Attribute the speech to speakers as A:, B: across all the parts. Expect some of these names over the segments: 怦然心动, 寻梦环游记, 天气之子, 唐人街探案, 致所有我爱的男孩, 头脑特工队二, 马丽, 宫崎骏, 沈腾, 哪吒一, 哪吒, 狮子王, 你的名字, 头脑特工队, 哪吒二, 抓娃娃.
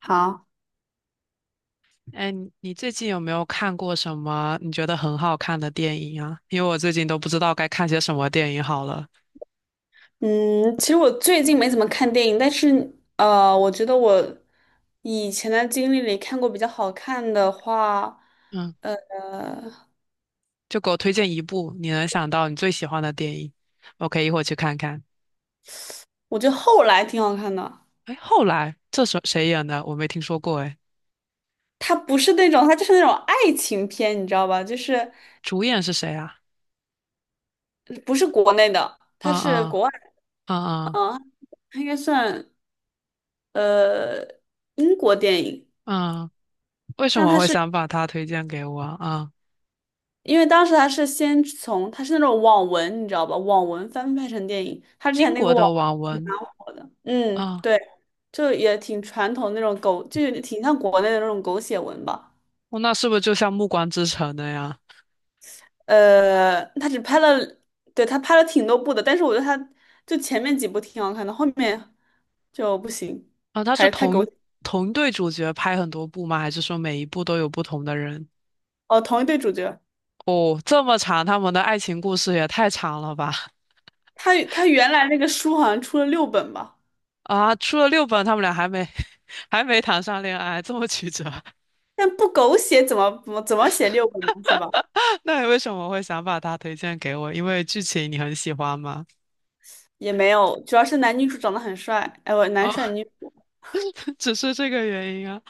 A: 好，
B: 哎，你最近有没有看过什么你觉得很好看的电影啊？因为我最近都不知道该看些什么电影好了。
A: 嗯，其实我最近没怎么看电影，但是我觉得我以前的经历里看过比较好看的话，
B: 嗯，
A: 呃，
B: 就给我推荐一部你能想到你最喜欢的电影，我可以一会儿去看看。
A: 我觉得后来挺好看的。
B: 哎，后来这是谁演的？我没听说过。哎，
A: 它不是那种，它就是那种爱情片，你知道吧？就是
B: 主演是谁啊？
A: 不是国内的，
B: 啊
A: 它是国外的，
B: 啊啊
A: 嗯，它应该算呃英国电影，
B: 啊啊！为什
A: 但
B: 么
A: 它
B: 会
A: 是
B: 想把他推荐给我啊？啊，
A: 因为当时它是那种网文，你知道吧？网文翻拍成电影，它之前
B: 英
A: 那个
B: 国
A: 网
B: 的网
A: 文
B: 文
A: 蛮火的，嗯，
B: 啊，
A: 对。就也挺传统那种狗，就是挺像国内的那种狗血文吧。
B: 哦，那是不是就像《暮光之城》的呀？
A: 他只拍了，对，他拍了挺多部的，但是我觉得他就前面几部挺好看的，后面就不行，
B: 啊，他
A: 还
B: 是
A: 是太狗
B: 同
A: 血。
B: 同队主角拍很多部吗？还是说每一部都有不同的人？
A: 哦，同一对主角，
B: 哦，这么长，他们的爱情故事也太长了吧？
A: 他原来那个书好像出了六本吧，
B: 啊，出了六本，他们俩还没 还没谈上恋爱，这么曲折。
A: 但不狗血怎么写六本呢？是吧？
B: 那你为什么会想把它推荐给我？因为剧情你很喜欢吗？
A: 也没有，主要是男女主长得很帅，哎，我男
B: 哦，
A: 帅女主，
B: 只是这个原因啊。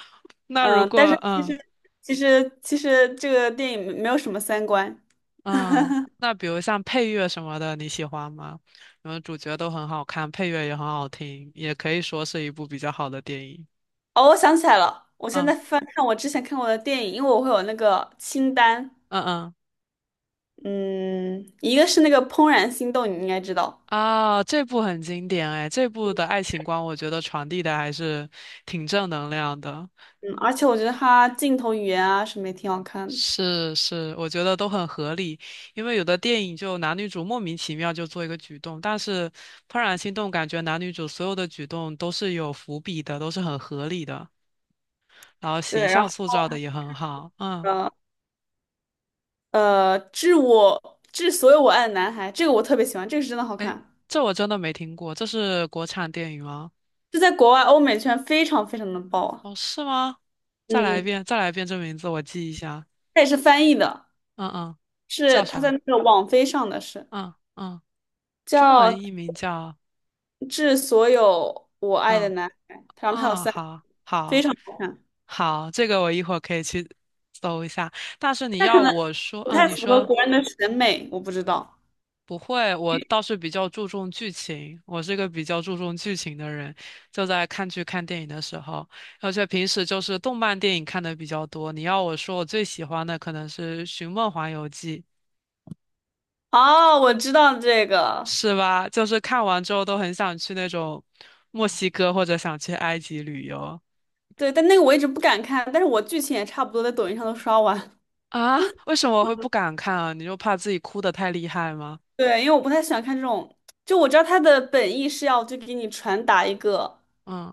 B: 那如
A: 嗯、
B: 果
A: 但是其实其实其实这个电影没有什么三观。
B: 嗯，那比如像配乐什么的，你喜欢吗？因为主角都很好看，配乐也很好听，也可以说是一部比较好的电影。
A: 哦，我想起来了，我现在
B: 嗯
A: 翻看我之前看过的电影，因为我会有那个清单。
B: 嗯嗯。
A: 嗯，一个是那个《怦然心动》，你应该知道。
B: 啊，这部很经典哎，这部的爱情观我觉得传递的还是挺正能量的。
A: 嗯，而且我觉得它镜头语言啊什么也挺好看的。
B: 是是，我觉得都很合理，因为有的电影就男女主莫名其妙就做一个举动，但是《怦然心动》感觉男女主所有的举动都是有伏笔的，都是很合理的，然后形
A: 对，然
B: 象
A: 后
B: 塑造的也很好。嗯，
A: 呃致所有我爱的男孩，这个我特别喜欢，这个是真的好
B: 哎，
A: 看。
B: 这我真的没听过，这是国产电影吗？
A: 这在国外欧美圈非常非常的爆啊。
B: 哦，是吗？再来一
A: 嗯，
B: 遍，再来一遍这名字，我记一下。
A: 它也是翻译的，
B: 嗯嗯，
A: 是
B: 叫
A: 它在
B: 啥？
A: 那个网飞上的是
B: 嗯嗯。中
A: 叫
B: 文译名叫，
A: 《致所有我爱的
B: 嗯
A: 男孩》，然后它有
B: 嗯，
A: 三，
B: 好
A: 非
B: 好
A: 常好看。
B: 好，这个我一会儿可以去搜一下。但是你要我说，
A: 不
B: 嗯，
A: 太
B: 你
A: 符合
B: 说
A: 国人的审美，我不知道。
B: 不会，我倒是比较注重剧情，我是个比较注重剧情的人，就在看剧看电影的时候，而且平时就是动漫电影看的比较多。你要我说，我最喜欢的可能是《寻梦环游记》，
A: 哦，我知道这个。
B: 是吧？就是看完之后都很想去那种墨西哥或者想去埃及旅游。
A: 对，但那个我一直不敢看，但是我剧情也差不多在抖音上都刷完。
B: 啊，为什么会不敢看啊？你就怕自己哭得太厉害吗？
A: 对，因为我不太喜欢看这种，就我知道他的本意是要就给你传达一个
B: 嗯，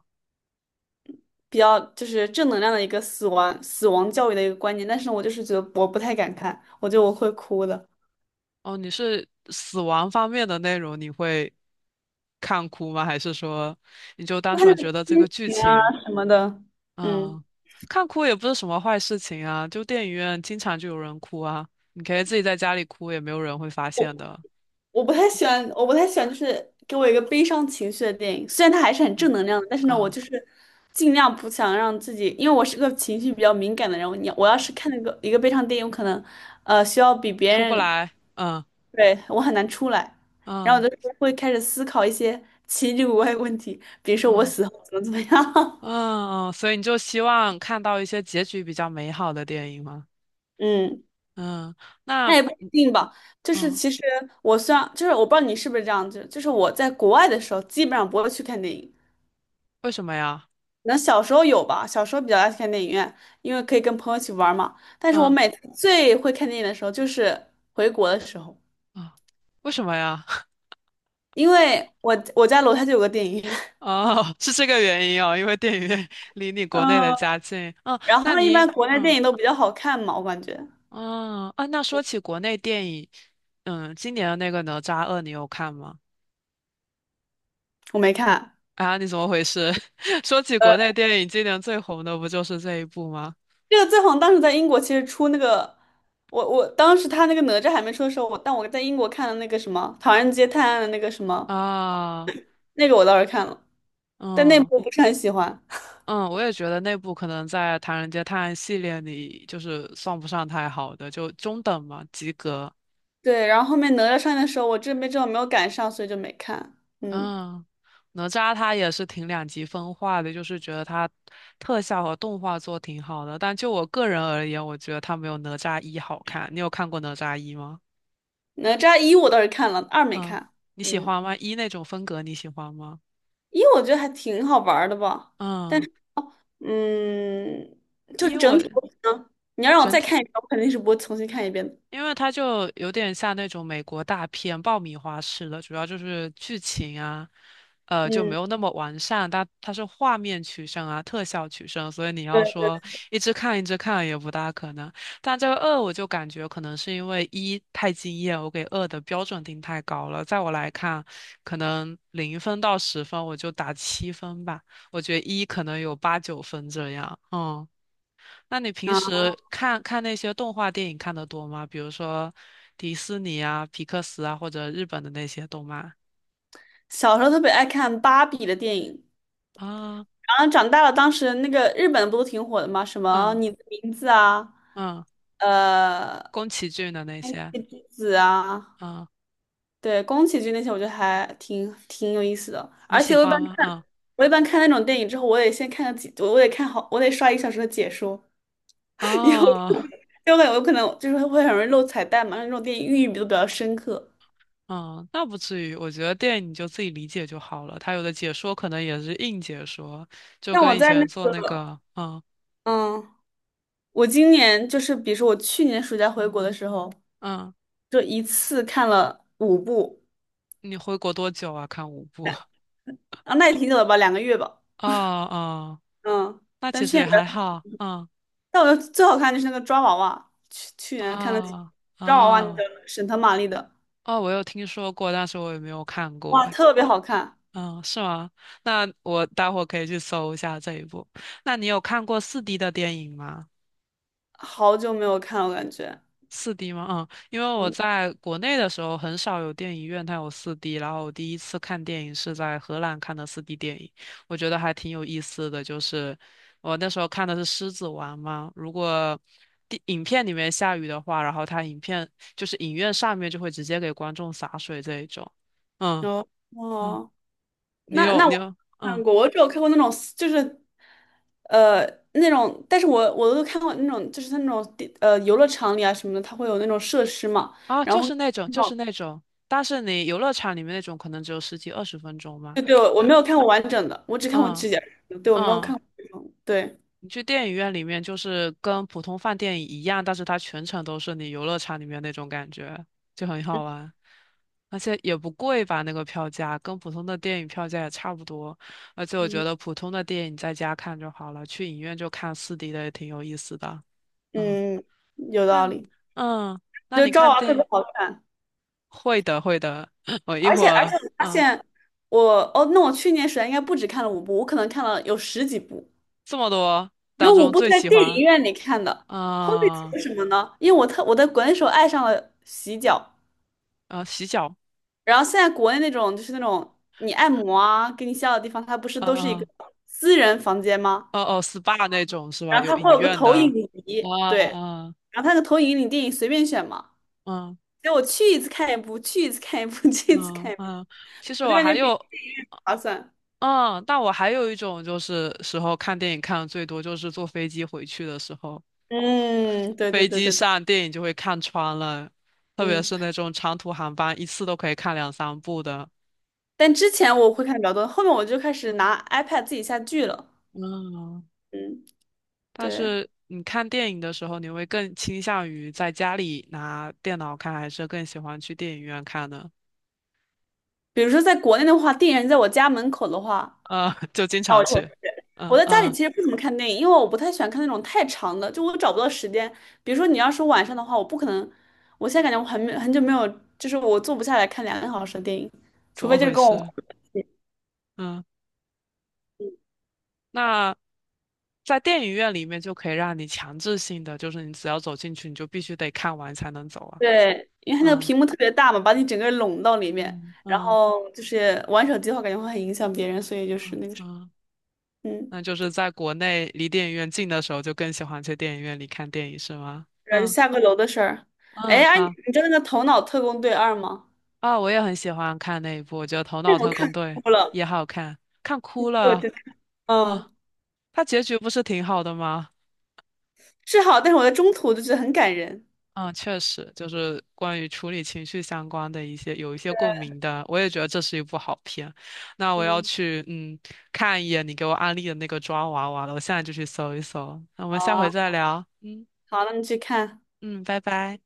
A: 比较就是正能量的一个死亡教育的一个观念，但是我就是觉得我不太敢看，我觉得我会哭的，
B: 哦，你是死亡方面的内容，你会看哭吗？还是说你就单
A: 他就
B: 纯觉
A: 是
B: 得
A: 亲
B: 这个剧
A: 情啊
B: 情，
A: 什么的，嗯。
B: 嗯，看哭也不是什么坏事情啊，就电影院经常就有人哭啊，你可以自己在家里哭，也没有人会发现的。
A: 我不太喜欢，我不太喜欢，就是给我一个悲伤情绪的电影。虽然它还是很正
B: 啊
A: 能量的，但是呢，我
B: 啊，
A: 就是尽量不想让自己，因为我是个情绪比较敏感的人。我要是看那个一个悲伤电影，我可能需要比别
B: 出不
A: 人，
B: 来，嗯
A: 对，我很难出来。然后
B: 嗯
A: 我就会开始思考一些奇奇怪怪的问题，比如说我
B: 嗯
A: 死后怎么样。
B: 嗯，所以你就希望看到一些结局比较美好的电影吗？
A: 嗯，
B: 嗯，
A: 那
B: 那。
A: 也不一定吧。就是
B: 嗯，
A: 其实我虽然就是我不知道你是不是这样，就是我在国外的时候，基本上不会去看电影。
B: 为什么呀？
A: 那小时候有吧，小时候比较爱去看电影院，因为可以跟朋友一起玩儿嘛。但是我
B: 嗯
A: 每次最会看电影的时候就是回国的时候，
B: 啊，为什么呀？
A: 因为我家楼下就有个电影院。
B: 哦，是这个原因哦，因为电影院 离你 国内的
A: 嗯，
B: 家近。嗯，
A: 然
B: 那
A: 后一般
B: 你
A: 国内电影都比较好看嘛，我感觉。
B: 嗯啊，那说起国内电影，嗯，今年的那个《哪吒二》你有看吗？
A: 我没看。
B: 啊，你怎么回事？说起国
A: 呃，
B: 内电影，今年最红的不就是这一部吗？
A: 这个最红当时在英国其实出那个，我当时他那个哪吒还没出的时候，但我在英国看的那个什么《唐人街探案》的那个什么，
B: 啊，
A: 那个我倒是看了，但那
B: 嗯
A: 部我不是很喜欢。
B: 嗯，我也觉得那部可能在《唐人街探案》系列里就是算不上太好的，就中等嘛，及格。
A: 对，然后后面哪吒上映的时候，我这边正好没有赶上，所以就没看。嗯，
B: 嗯，哪吒他也是挺两极分化的，就是觉得他特效和动画做挺好的，但就我个人而言，我觉得他没有哪吒一好看。你有看过哪吒一吗？
A: 哪吒一我倒是看了，二没
B: 嗯，
A: 看。
B: 你喜
A: 嗯，
B: 欢吗？一那种风格你喜欢吗？
A: 一我觉得还挺好玩儿的吧，但
B: 嗯，
A: 是嗯，就
B: 一我
A: 整体我可能你要让我
B: 整
A: 再
B: 体。
A: 看一遍，我肯定是不会重新看一遍的。
B: 因为它就有点像那种美国大片爆米花式的，主要就是剧情啊，呃，就没
A: 嗯，
B: 有那么完善，但它是画面取胜啊，特效取胜，所以你要
A: 对
B: 说一直看一直看也不大可能。但这个二我就感觉可能是因为一太惊艳，我给二的标准定太高了，在我来看，可能零分到十分我就打七分吧，我觉得一可能有八九分这样，嗯。那你平
A: 啊，
B: 时看看那些动画电影看的多吗？比如说迪士尼啊、皮克斯啊，或者日本的那些动漫
A: 小时候特别爱看芭比的电影。
B: 啊，
A: 然后长大了，当时那个日本不都挺火的吗？什么
B: 嗯
A: 你的名字啊，
B: 嗯，
A: 呃，
B: 宫崎骏的那
A: 天
B: 些，
A: 气之子啊。
B: 嗯，
A: 对，宫崎骏那些我觉得还挺有意思的，
B: 你
A: 而
B: 喜
A: 且我一般
B: 欢吗？
A: 看，
B: 嗯
A: 我一般看那种电影之后，我得先看个几，我得看好，我得刷1个小时的解说。因为我因
B: 啊
A: 为我感觉我可能就是会很容易漏彩蛋嘛，那种电影寓意都比较深刻。
B: 嗯，那不至于，我觉得电影你就自己理解就好了。它有的解说可能也是硬解说，就
A: 像我
B: 跟以
A: 在那
B: 前做那
A: 个，
B: 个，嗯
A: 嗯，我今年就是比如说我去年暑假回国的时候，
B: 嗯，
A: 就一次看了五部。
B: 你回国多久啊？看五部，
A: 啊，那也挺久了吧，2个月吧。
B: 哦哦，
A: 嗯，
B: 那
A: 但
B: 其
A: 去
B: 实
A: 年
B: 也
A: 比
B: 还
A: 较，
B: 好，嗯
A: 但我觉得最好看就是那个抓娃娃，去年看的
B: 啊
A: 抓娃娃，那
B: 啊。
A: 个沈腾、马丽的。
B: 哦，我有听说过，但是我也没有看过。
A: 哇，
B: 哎，
A: 特别好看。
B: 嗯，是吗？那我待会儿可以去搜一下这一部。那你有看过四 d 的电影吗
A: 好久没有看了，我感觉。
B: 四 d 吗？嗯，因为我
A: 嗯，
B: 在国内的时候很少有电影院它有四 d 然后我第一次看电影是在荷兰看的四 d 电影，我觉得还挺有意思的。就是我那时候看的是《狮子王》嘛，如果电影片里面下雨的话，然后它影片就是影院上面就会直接给观众洒水这一种。嗯
A: 哦
B: 嗯。
A: 哦，
B: 你
A: 那
B: 有
A: 那
B: 你
A: 我
B: 有，
A: 看
B: 嗯
A: 过，我只有看过那种就是，呃，那种，但是我都看过那种，就是它那种地游乐场里啊什么的，它会有那种设施嘛，
B: 啊，
A: 然
B: 就
A: 后
B: 是
A: 那种，
B: 那种，但是你游乐场里面那种可能只有十几二十分钟嘛。
A: 对对，我
B: 那
A: 没有看过完整的，我只看过
B: 嗯
A: 指甲，对，我没有看
B: 嗯，
A: 过这种，对。
B: 你去电影院里面就是跟普通饭店一样，但是它全程都是你游乐场里面那种感觉，就很好玩，而且也不贵吧，那个票价跟普通的电影票价也差不多。而且我觉
A: 嗯
B: 得普通的电影在家看就好了，去影院就看四 d 的也挺有意思的。嗯，
A: 嗯，有
B: 那
A: 道
B: 你
A: 理。
B: 嗯，那
A: 就
B: 你
A: 《昭
B: 看
A: 娃特
B: 电。
A: 别好看。
B: 会的，会的。我一
A: 而
B: 会
A: 且而
B: 儿，
A: 且我发
B: 嗯，
A: 现那我去年暑假应该不止看了五部，我可能看了有十几部。
B: 这么多当
A: 有五
B: 中
A: 部是
B: 最
A: 在
B: 喜
A: 电影
B: 欢，
A: 院里看的，后面
B: 啊
A: 为什么呢？因为我在国内时候爱上了洗脚。
B: 啊，洗脚，
A: 然后现在国内那种就是那种你按摩啊，给你洗脚的地方，它不是
B: 啊
A: 都是一个
B: 啊
A: 私人房间吗？
B: 哦哦，SPA 那种是吧？
A: 然后
B: 有
A: 它会
B: 影
A: 有个
B: 院的，
A: 投影仪，
B: 啊
A: 对，
B: 啊
A: 然后它那个投影仪你电影随便选嘛，
B: 嗯
A: 所以我去一次看一部，去一次看一部，去一次看
B: 嗯
A: 一部，
B: 嗯。其实
A: 我就
B: 我
A: 感
B: 还
A: 觉比较
B: 有，
A: 划算。
B: 嗯，但我还有一种就是时候看电影看的最多，就是坐飞机回去的时候，
A: 嗯，对对
B: 飞
A: 对
B: 机
A: 对对。
B: 上电影就会看穿了，特别
A: 嗯，
B: 是那种长途航班，一次都可以看两三部的。
A: 但之前我会看比较多，后面我就开始拿 iPad 自己下剧了。
B: 嗯
A: 嗯，
B: 但
A: 对。
B: 是你看电影的时候，你会更倾向于在家里拿电脑看，还是更喜欢去电影院看呢？
A: 比如说在国内的话，电影院在我家门口的话，
B: 呃，就经
A: 那
B: 常
A: 我就会去。
B: 去。
A: 我
B: 嗯
A: 在家里
B: 嗯，
A: 其实不怎么看电影，因为我不太喜欢看那种太长的，就我找不到时间。比如说你要是晚上的话，我不可能，我现在感觉我很久没有，就是我坐不下来看2个小时的电影，
B: 怎
A: 除
B: 么
A: 非就是
B: 回
A: 跟我，
B: 事？嗯，那在电影院里面就可以让你强制性的，就是你只要走进去，你就必须得看完才能走啊。
A: 对，因为它那个
B: 嗯
A: 屏幕特别大嘛，把你整个拢到里面，
B: 嗯
A: 然
B: 嗯
A: 后就是玩手机的话，感觉会很影响别人，所以就是
B: 嗯
A: 那个是。
B: 嗯，
A: 嗯，
B: 那就是在国内离电影院近的时候，就更喜欢去电影院里看电影，是吗？
A: 然后就
B: 嗯
A: 下个楼的事儿。哎，
B: 嗯，
A: 哎，
B: 好。
A: 你知道那个《头脑特工队二》吗？
B: 啊、我也很喜欢看那一部，我觉得《头
A: 那
B: 脑
A: 个我
B: 特
A: 看
B: 工队》
A: 哭
B: 也
A: 了，
B: 好看，看哭
A: 我
B: 了
A: 真的，
B: 啊。
A: 嗯。
B: 它结局不是挺好的吗？
A: 是好，但是我在中途就觉得很感人。
B: 嗯，确实，就是关于处理情绪相关的一些有一些共鸣的，我也觉得这是一部好片。那我要
A: 嗯，
B: 去嗯看一眼你给我安利的那个抓娃娃了，我现在就去搜一搜。那我们
A: 好
B: 下回
A: 啊，
B: 再聊，嗯
A: 好，那你去看。
B: 嗯，拜拜。